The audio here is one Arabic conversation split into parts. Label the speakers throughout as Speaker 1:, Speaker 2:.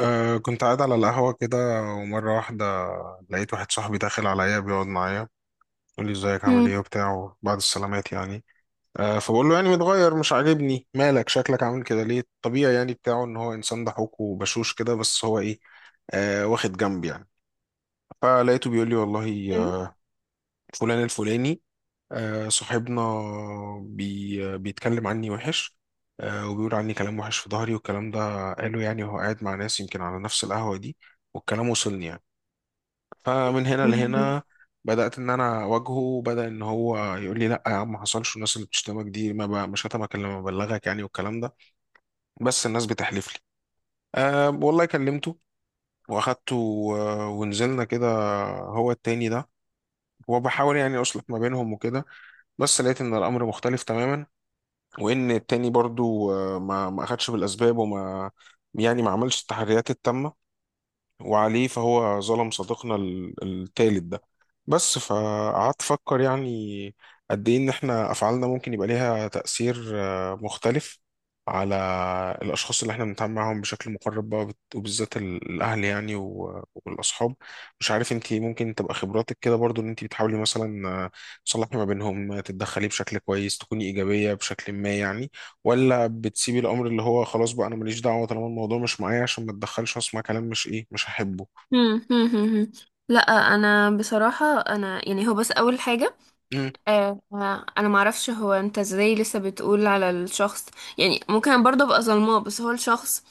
Speaker 1: كنت قاعد على القهوة كده، ومرة واحدة لقيت واحد صاحبي داخل عليا بيقعد معايا، يقول لي ازيك عامل ايه
Speaker 2: مم.
Speaker 1: وبتاع بعد السلامات يعني. فبقول له يعني متغير مش عاجبني، مالك شكلك عامل كده ليه؟ طبيعي يعني بتاعه ان هو انسان ضحوك وبشوش كده، بس هو ايه؟ واخد جنب يعني. فلقيته بيقول لي والله،
Speaker 2: مم.
Speaker 1: فلان الفلاني، صاحبنا، بي آه، بيتكلم عني وحش. وبيقول عني كلام وحش في ظهري، والكلام ده قاله يعني وهو قاعد مع ناس يمكن على نفس القهوة دي، والكلام وصلني يعني. فمن هنا
Speaker 2: مم.
Speaker 1: لهنا بدأت إن أنا أواجهه، وبدأ إن هو يقول لي لأ يا عم ما حصلش، والناس اللي بتشتمك دي ما ب- مش هتمك إلا لما أبلغك يعني والكلام ده. بس الناس بتحلف لي، والله كلمته وأخدته، ونزلنا كده، هو التاني ده، وبحاول يعني أصلح ما بينهم وكده. بس لقيت إن الأمر مختلف تماما، وإن التاني برضو ما أخدش بالأسباب، يعني ما عملش التحريات التامة، وعليه فهو ظلم صديقنا التالت ده. بس فقعدت أفكر يعني قد إيه إن إحنا أفعالنا ممكن يبقى ليها تأثير مختلف على الأشخاص اللي إحنا بنتعامل معاهم بشكل مقرب بقى، وبالذات الأهل يعني، والأصحاب. مش عارف أنت، ممكن تبقى خبراتك كده برضو إن أنت بتحاولي مثلا تصلحي ما بينهم، تتدخلي بشكل كويس، تكوني إيجابية بشكل ما يعني، ولا بتسيبي الامر اللي هو خلاص بقى انا ماليش دعوه طالما الموضوع مش معايا عشان ما اتدخلش واسمع كلام مش ايه مش هحبه؟
Speaker 2: مم. مم. لا. انا بصراحه انا يعني هو بس اول حاجه.
Speaker 1: مم.
Speaker 2: انا ما اعرفش هو انت ازاي لسه بتقول على الشخص. يعني ممكن برضه ابقى ظلماه، بس هو الشخص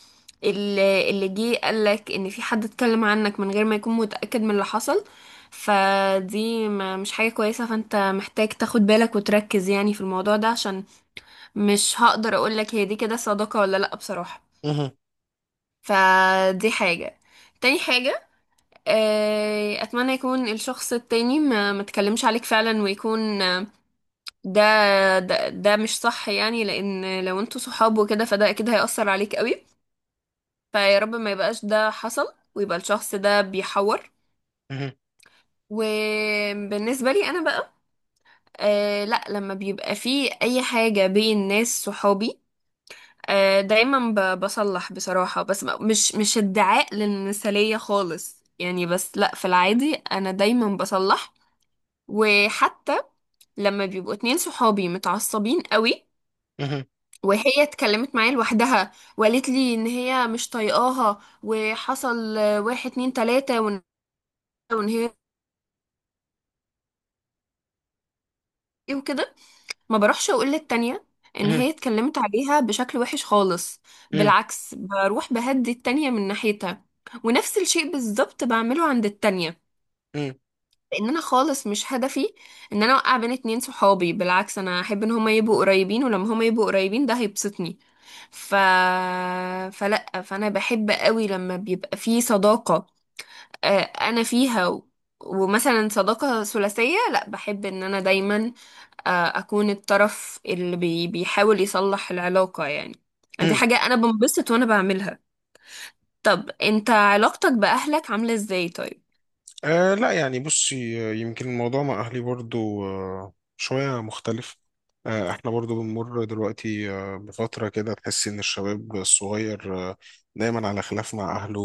Speaker 2: اللي جه قالك ان في حد اتكلم عنك من غير ما يكون متاكد من اللي حصل. فدي ما مش حاجه كويسه. فانت محتاج تاخد بالك وتركز يعني في الموضوع ده، عشان مش هقدر اقولك هي دي كده صداقه ولا لا، بصراحه.
Speaker 1: مهم.
Speaker 2: فدي حاجه. تاني حاجه، اتمنى يكون الشخص التاني ما تكلمش عليك فعلا، ويكون ده ده مش صح، يعني لان لو انتوا صحاب وكده فده اكيد هيأثر عليك قوي. فيا رب ما يبقاش ده حصل ويبقى الشخص ده بيحور.
Speaker 1: مهم.
Speaker 2: وبالنسبة لي انا بقى، لا، لما بيبقى فيه اي حاجة بين ناس صحابي دايما بصلح بصراحة، بس مش ادعاء للمثالية خالص يعني، بس لا، في العادي انا دايما بصلح. وحتى لما بيبقوا اتنين صحابي متعصبين قوي
Speaker 1: مهم.
Speaker 2: وهي اتكلمت معايا لوحدها وقالت لي ان هي مش طايقاها وحصل واحد اتنين تلاتة، وإن هي ايه وكده، ما بروحش اقول للتانية ان
Speaker 1: مهم.
Speaker 2: هي اتكلمت عليها بشكل وحش خالص. بالعكس، بروح بهدي التانية من ناحيتها، ونفس الشيء بالظبط بعمله عند التانية.
Speaker 1: مهم.
Speaker 2: لان انا خالص مش هدفي ان انا اوقع بين اتنين صحابي، بالعكس انا احب ان هما يبقوا قريبين، ولما هما يبقوا قريبين ده هيبسطني. ف فلا، فانا بحب قوي لما بيبقى في صداقة انا فيها. ومثلا صداقة ثلاثية، لا، بحب ان انا دايما آه، اكون الطرف اللي بيحاول يصلح العلاقة يعني. دي
Speaker 1: مهم.
Speaker 2: حاجة انا بنبسط وانا بعملها. طب انت علاقتك بأهلك عاملة ازاي، طيب؟
Speaker 1: لا يعني بصي، يمكن الموضوع مع أهلي برضو شوية مختلف. احنا برضو بنمر دلوقتي بفترة كده، تحس إن الشباب الصغير دايما على خلاف مع أهله.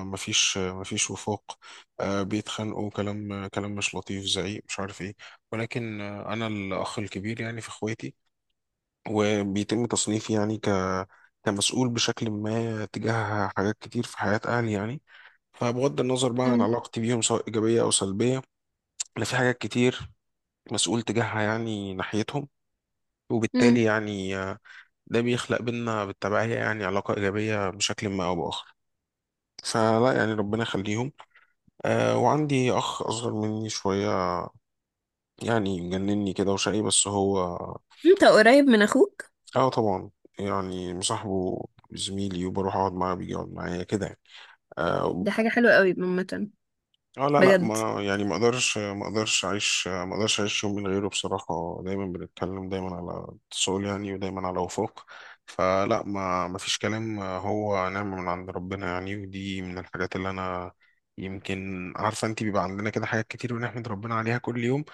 Speaker 1: مفيش مفيش وفاق. بيتخانقوا كلام كلام مش لطيف، زعيق، مش عارف إيه. ولكن أنا الأخ الكبير يعني في إخواتي، وبيتم تصنيفي يعني كمسؤول بشكل ما تجاه حاجات كتير في حياة أهلي يعني. فبغض النظر بقى عن
Speaker 2: مم.
Speaker 1: علاقتي بيهم، سواء إيجابية أو سلبية، أنا في حاجات كتير مسؤول تجاهها يعني ناحيتهم. وبالتالي
Speaker 2: مم.
Speaker 1: يعني ده بيخلق بينا بالتبعية يعني علاقة إيجابية بشكل ما أو بآخر. فلا يعني ربنا يخليهم. وعندي أخ أصغر مني شوية، يعني مجنني كده وشقي بس هو،
Speaker 2: انت قريب من اخوك؟
Speaker 1: اه طبعا، يعني مصاحبه، زميلي، وبروح أقعد معاه بيجي يقعد معايا كده يعني، آه،
Speaker 2: دي حاجة حلوة قوي عامة.
Speaker 1: اه لا لا،
Speaker 2: بجد.
Speaker 1: ما اقدرش اعيش يوم من غيره بصراحة. دايما بنتكلم، دايما على اتصال يعني، ودايما على وفاق. فلا، ما فيش كلام، هو نعمة من عند ربنا يعني. ودي من الحاجات اللي انا، يمكن عارفة انت، بيبقى عندنا كده حاجات كتير بنحمد ربنا عليها كل يوم.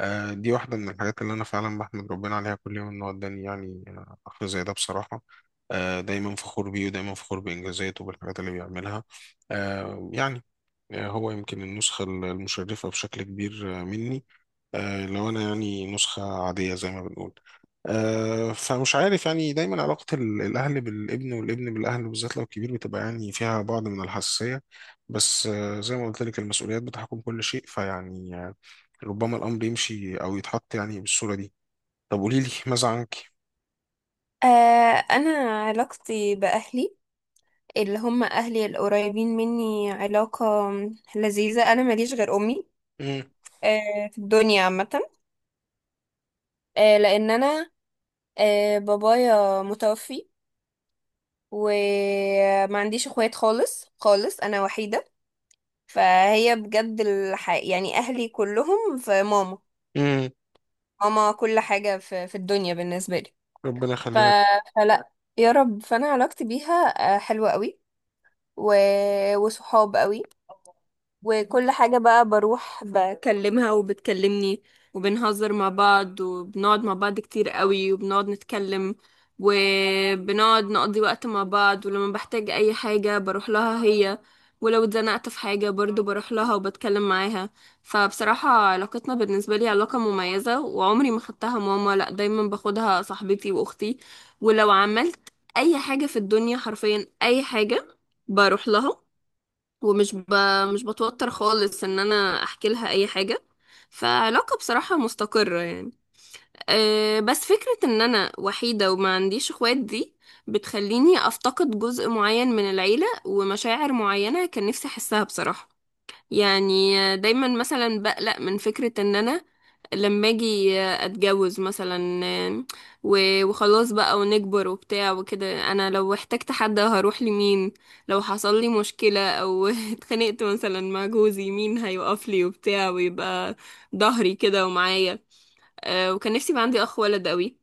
Speaker 1: دي واحدة من الحاجات اللي انا فعلا بحمد ربنا عليها كل يوم، انه اداني يعني اخ زي ده بصراحة. دايما فخور بيه، ودايما فخور بإنجازاته وبالحاجات اللي بيعملها. يعني هو يمكن النسخة المشرفة بشكل كبير مني. لو أنا يعني نسخة عادية زي ما بنقول. فمش عارف يعني، دايما علاقة الأهل بالابن، والابن بالأهل، بالذات لو كبير، بتبقى يعني فيها بعض من الحساسية. بس زي ما قلت لك، المسؤوليات بتحكم كل شيء. فيعني ربما الأمر يمشي أو يتحط يعني بالصورة دي. طب قولي لي، ماذا عنك؟
Speaker 2: آه انا علاقتي باهلي اللي هم اهلي القريبين مني، علاقة لذيذة. انا ماليش غير امي
Speaker 1: مم.
Speaker 2: في الدنيا عامة، لان انا بابايا متوفي، وما عنديش اخوات خالص خالص. انا وحيدة، فهي بجد الح... يعني اهلي كلهم في ماما.
Speaker 1: مم.
Speaker 2: ماما كل حاجة في الدنيا بالنسبة لي.
Speaker 1: ربنا
Speaker 2: ف...
Speaker 1: يخليها
Speaker 2: فلا، يا رب، فانا علاقتي بيها حلوة قوي، و... وصحاب قوي. وكل حاجة بقى بروح بكلمها وبتكلمني، وبنهزر مع بعض وبنقعد مع بعض كتير قوي وبنقعد نتكلم، وبنقعد نقضي وقت مع بعض، ولما بحتاج أي حاجة بروح لها هي، ولو اتزنقت في حاجة برضو بروح لها وبتكلم معاها. فبصراحة علاقتنا بالنسبة لي علاقة مميزة، وعمري ما خدتها ماما، لأ، دايما باخدها صاحبتي وأختي. ولو عملت أي حاجة في الدنيا، حرفيا أي حاجة، بروح لها، ومش ب... مش بتوتر خالص ان انا احكي لها اي حاجة. فعلاقة بصراحة مستقرة يعني. بس فكرة ان انا وحيدة وما عنديش اخوات دي بتخليني افتقد جزء معين من العيلة ومشاعر معينة كان نفسي احسها بصراحة. يعني دايما مثلا بقلق من فكرة ان انا لما اجي اتجوز مثلا، وخلاص بقى ونكبر وبتاع وكده، انا لو احتجت حد هروح لمين؟ لو حصل لي مشكلة او اتخانقت مثلا مع جوزي، مين هيقف لي وبتاع ويبقى ظهري كده ومعايا؟ وكان نفسي يبقى عندي اخ ولد قوي،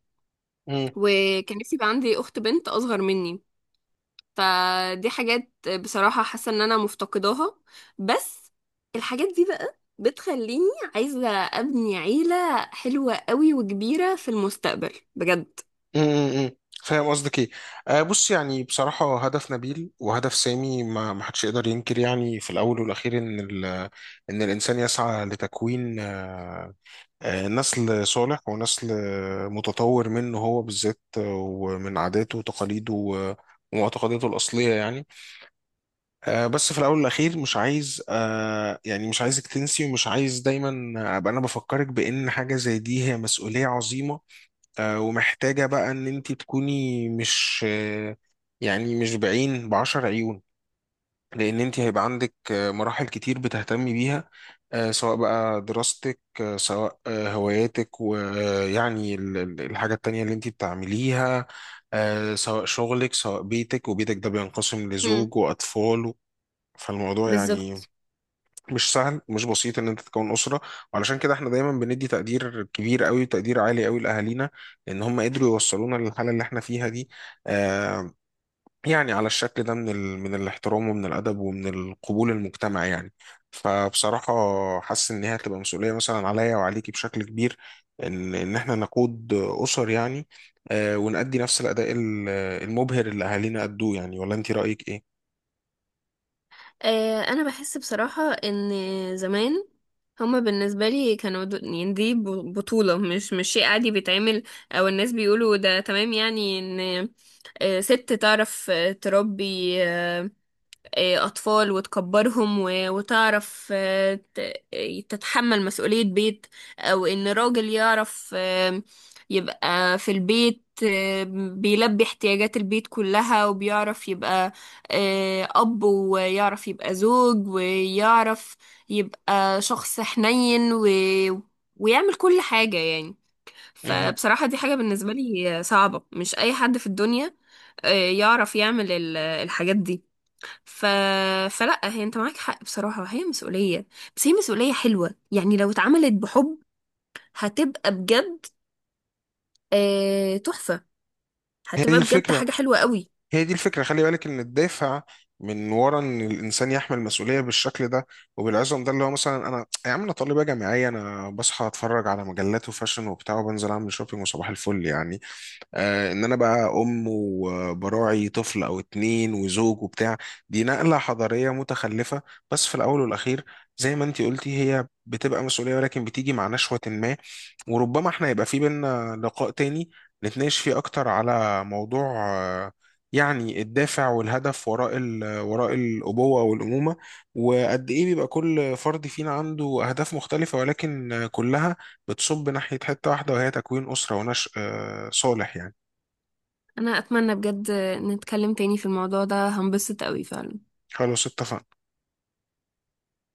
Speaker 1: لك.
Speaker 2: وكان نفسي يبقى عندي اخت بنت اصغر مني. فدي حاجات بصراحة حاسة ان انا مفتقداها. بس الحاجات دي بقى بتخليني عايزة ابني عيلة حلوة قوي وكبيرة في المستقبل، بجد.
Speaker 1: امم فاهم قصدك ايه. بص يعني بصراحة، هدف نبيل وهدف سامي، ما حدش يقدر ينكر يعني في الأول والأخير إن إن الإنسان يسعى لتكوين نسل صالح ونسل متطور منه هو بالذات، ومن عاداته وتقاليده ومعتقداته الأصلية يعني. بس في الأول والأخير مش عايز، يعني مش عايزك تنسي، ومش عايز دايما أبقى أنا بفكرك بإن حاجة زي دي هي مسؤولية عظيمة. ومحتاجة بقى ان انت تكوني مش يعني مش بعين، بعشر عيون. لان انت هيبقى عندك مراحل كتير بتهتمي بيها، سواء بقى دراستك، سواء هواياتك، ويعني الحاجة التانية اللي انت بتعمليها، سواء شغلك، سواء بيتك، وبيتك ده بينقسم
Speaker 2: مم.
Speaker 1: لزوج واطفال. فالموضوع يعني
Speaker 2: بالظبط.
Speaker 1: مش سهل، مش بسيط ان انت تكون اسره. وعلشان كده احنا دايما بندي تقدير كبير قوي، وتقدير عالي قوي لاهالينا، ان هم قدروا يوصلونا للحاله اللي احنا فيها دي. آه يعني على الشكل ده من من الاحترام، ومن الادب، ومن القبول المجتمع يعني. فبصراحه حاسس ان هي هتبقى مسؤوليه مثلا عليا وعليكي بشكل كبير، ان احنا نقود اسر يعني. ونأدي نفس الاداء المبهر اللي اهالينا ادوه يعني. ولا انت رايك ايه؟
Speaker 2: انا بحس بصراحة ان زمان هما بالنسبة لي كانوا يعني دي بطولة، مش شيء عادي بيتعمل او الناس بيقولوا ده تمام، يعني ان ست تعرف تربي أطفال وتكبرهم، وتعرف تتحمل مسؤولية بيت، أو إن راجل يعرف يبقى في البيت، بيلبي احتياجات البيت كلها، وبيعرف يبقى أب، ويعرف يبقى زوج، ويعرف يبقى شخص حنين، و... ويعمل كل حاجة يعني.
Speaker 1: مهم.
Speaker 2: فبصراحة دي حاجة بالنسبة لي صعبة، مش أي حد في الدنيا يعرف يعمل الحاجات دي. ف... فلا، هي انت معاك حق بصراحة، هي مسؤولية. بس هي مسؤولية حلوة يعني، لو اتعملت بحب هتبقى بجد تحفة.
Speaker 1: هي دي
Speaker 2: هتبقى بجد
Speaker 1: الفكرة،
Speaker 2: حاجة حلوة قوي.
Speaker 1: هي دي الفكرة. خلي بالك إن الدافع من ورا إن الإنسان يحمل مسؤولية بالشكل ده وبالعزم ده، اللي هو مثلا أنا يا عم، أنا طالبة جامعية، أنا بصحى أتفرج على مجلات وفاشن وبتاع، وبنزل أعمل شوبينج، وصباح الفل يعني. ان انا بقى ام وبراعي طفل او اتنين وزوج وبتاع، دي نقلة حضارية متخلفة. بس في الاول والاخير، زي ما انتي قلتي، هي بتبقى مسؤولية، ولكن بتيجي مع نشوة ما. وربما احنا يبقى في بينا لقاء تاني نتناقش فيه اكتر على موضوع يعني الدافع والهدف وراء وراء الأبوة والأمومة، وقد إيه بيبقى كل فرد فينا عنده أهداف مختلفة، ولكن كلها بتصب ناحية حتة واحدة، وهي تكوين أسرة ونشء صالح يعني.
Speaker 2: انا اتمنى بجد نتكلم تاني في الموضوع ده، هنبسط قوي فعلا.
Speaker 1: خلاص اتفقنا.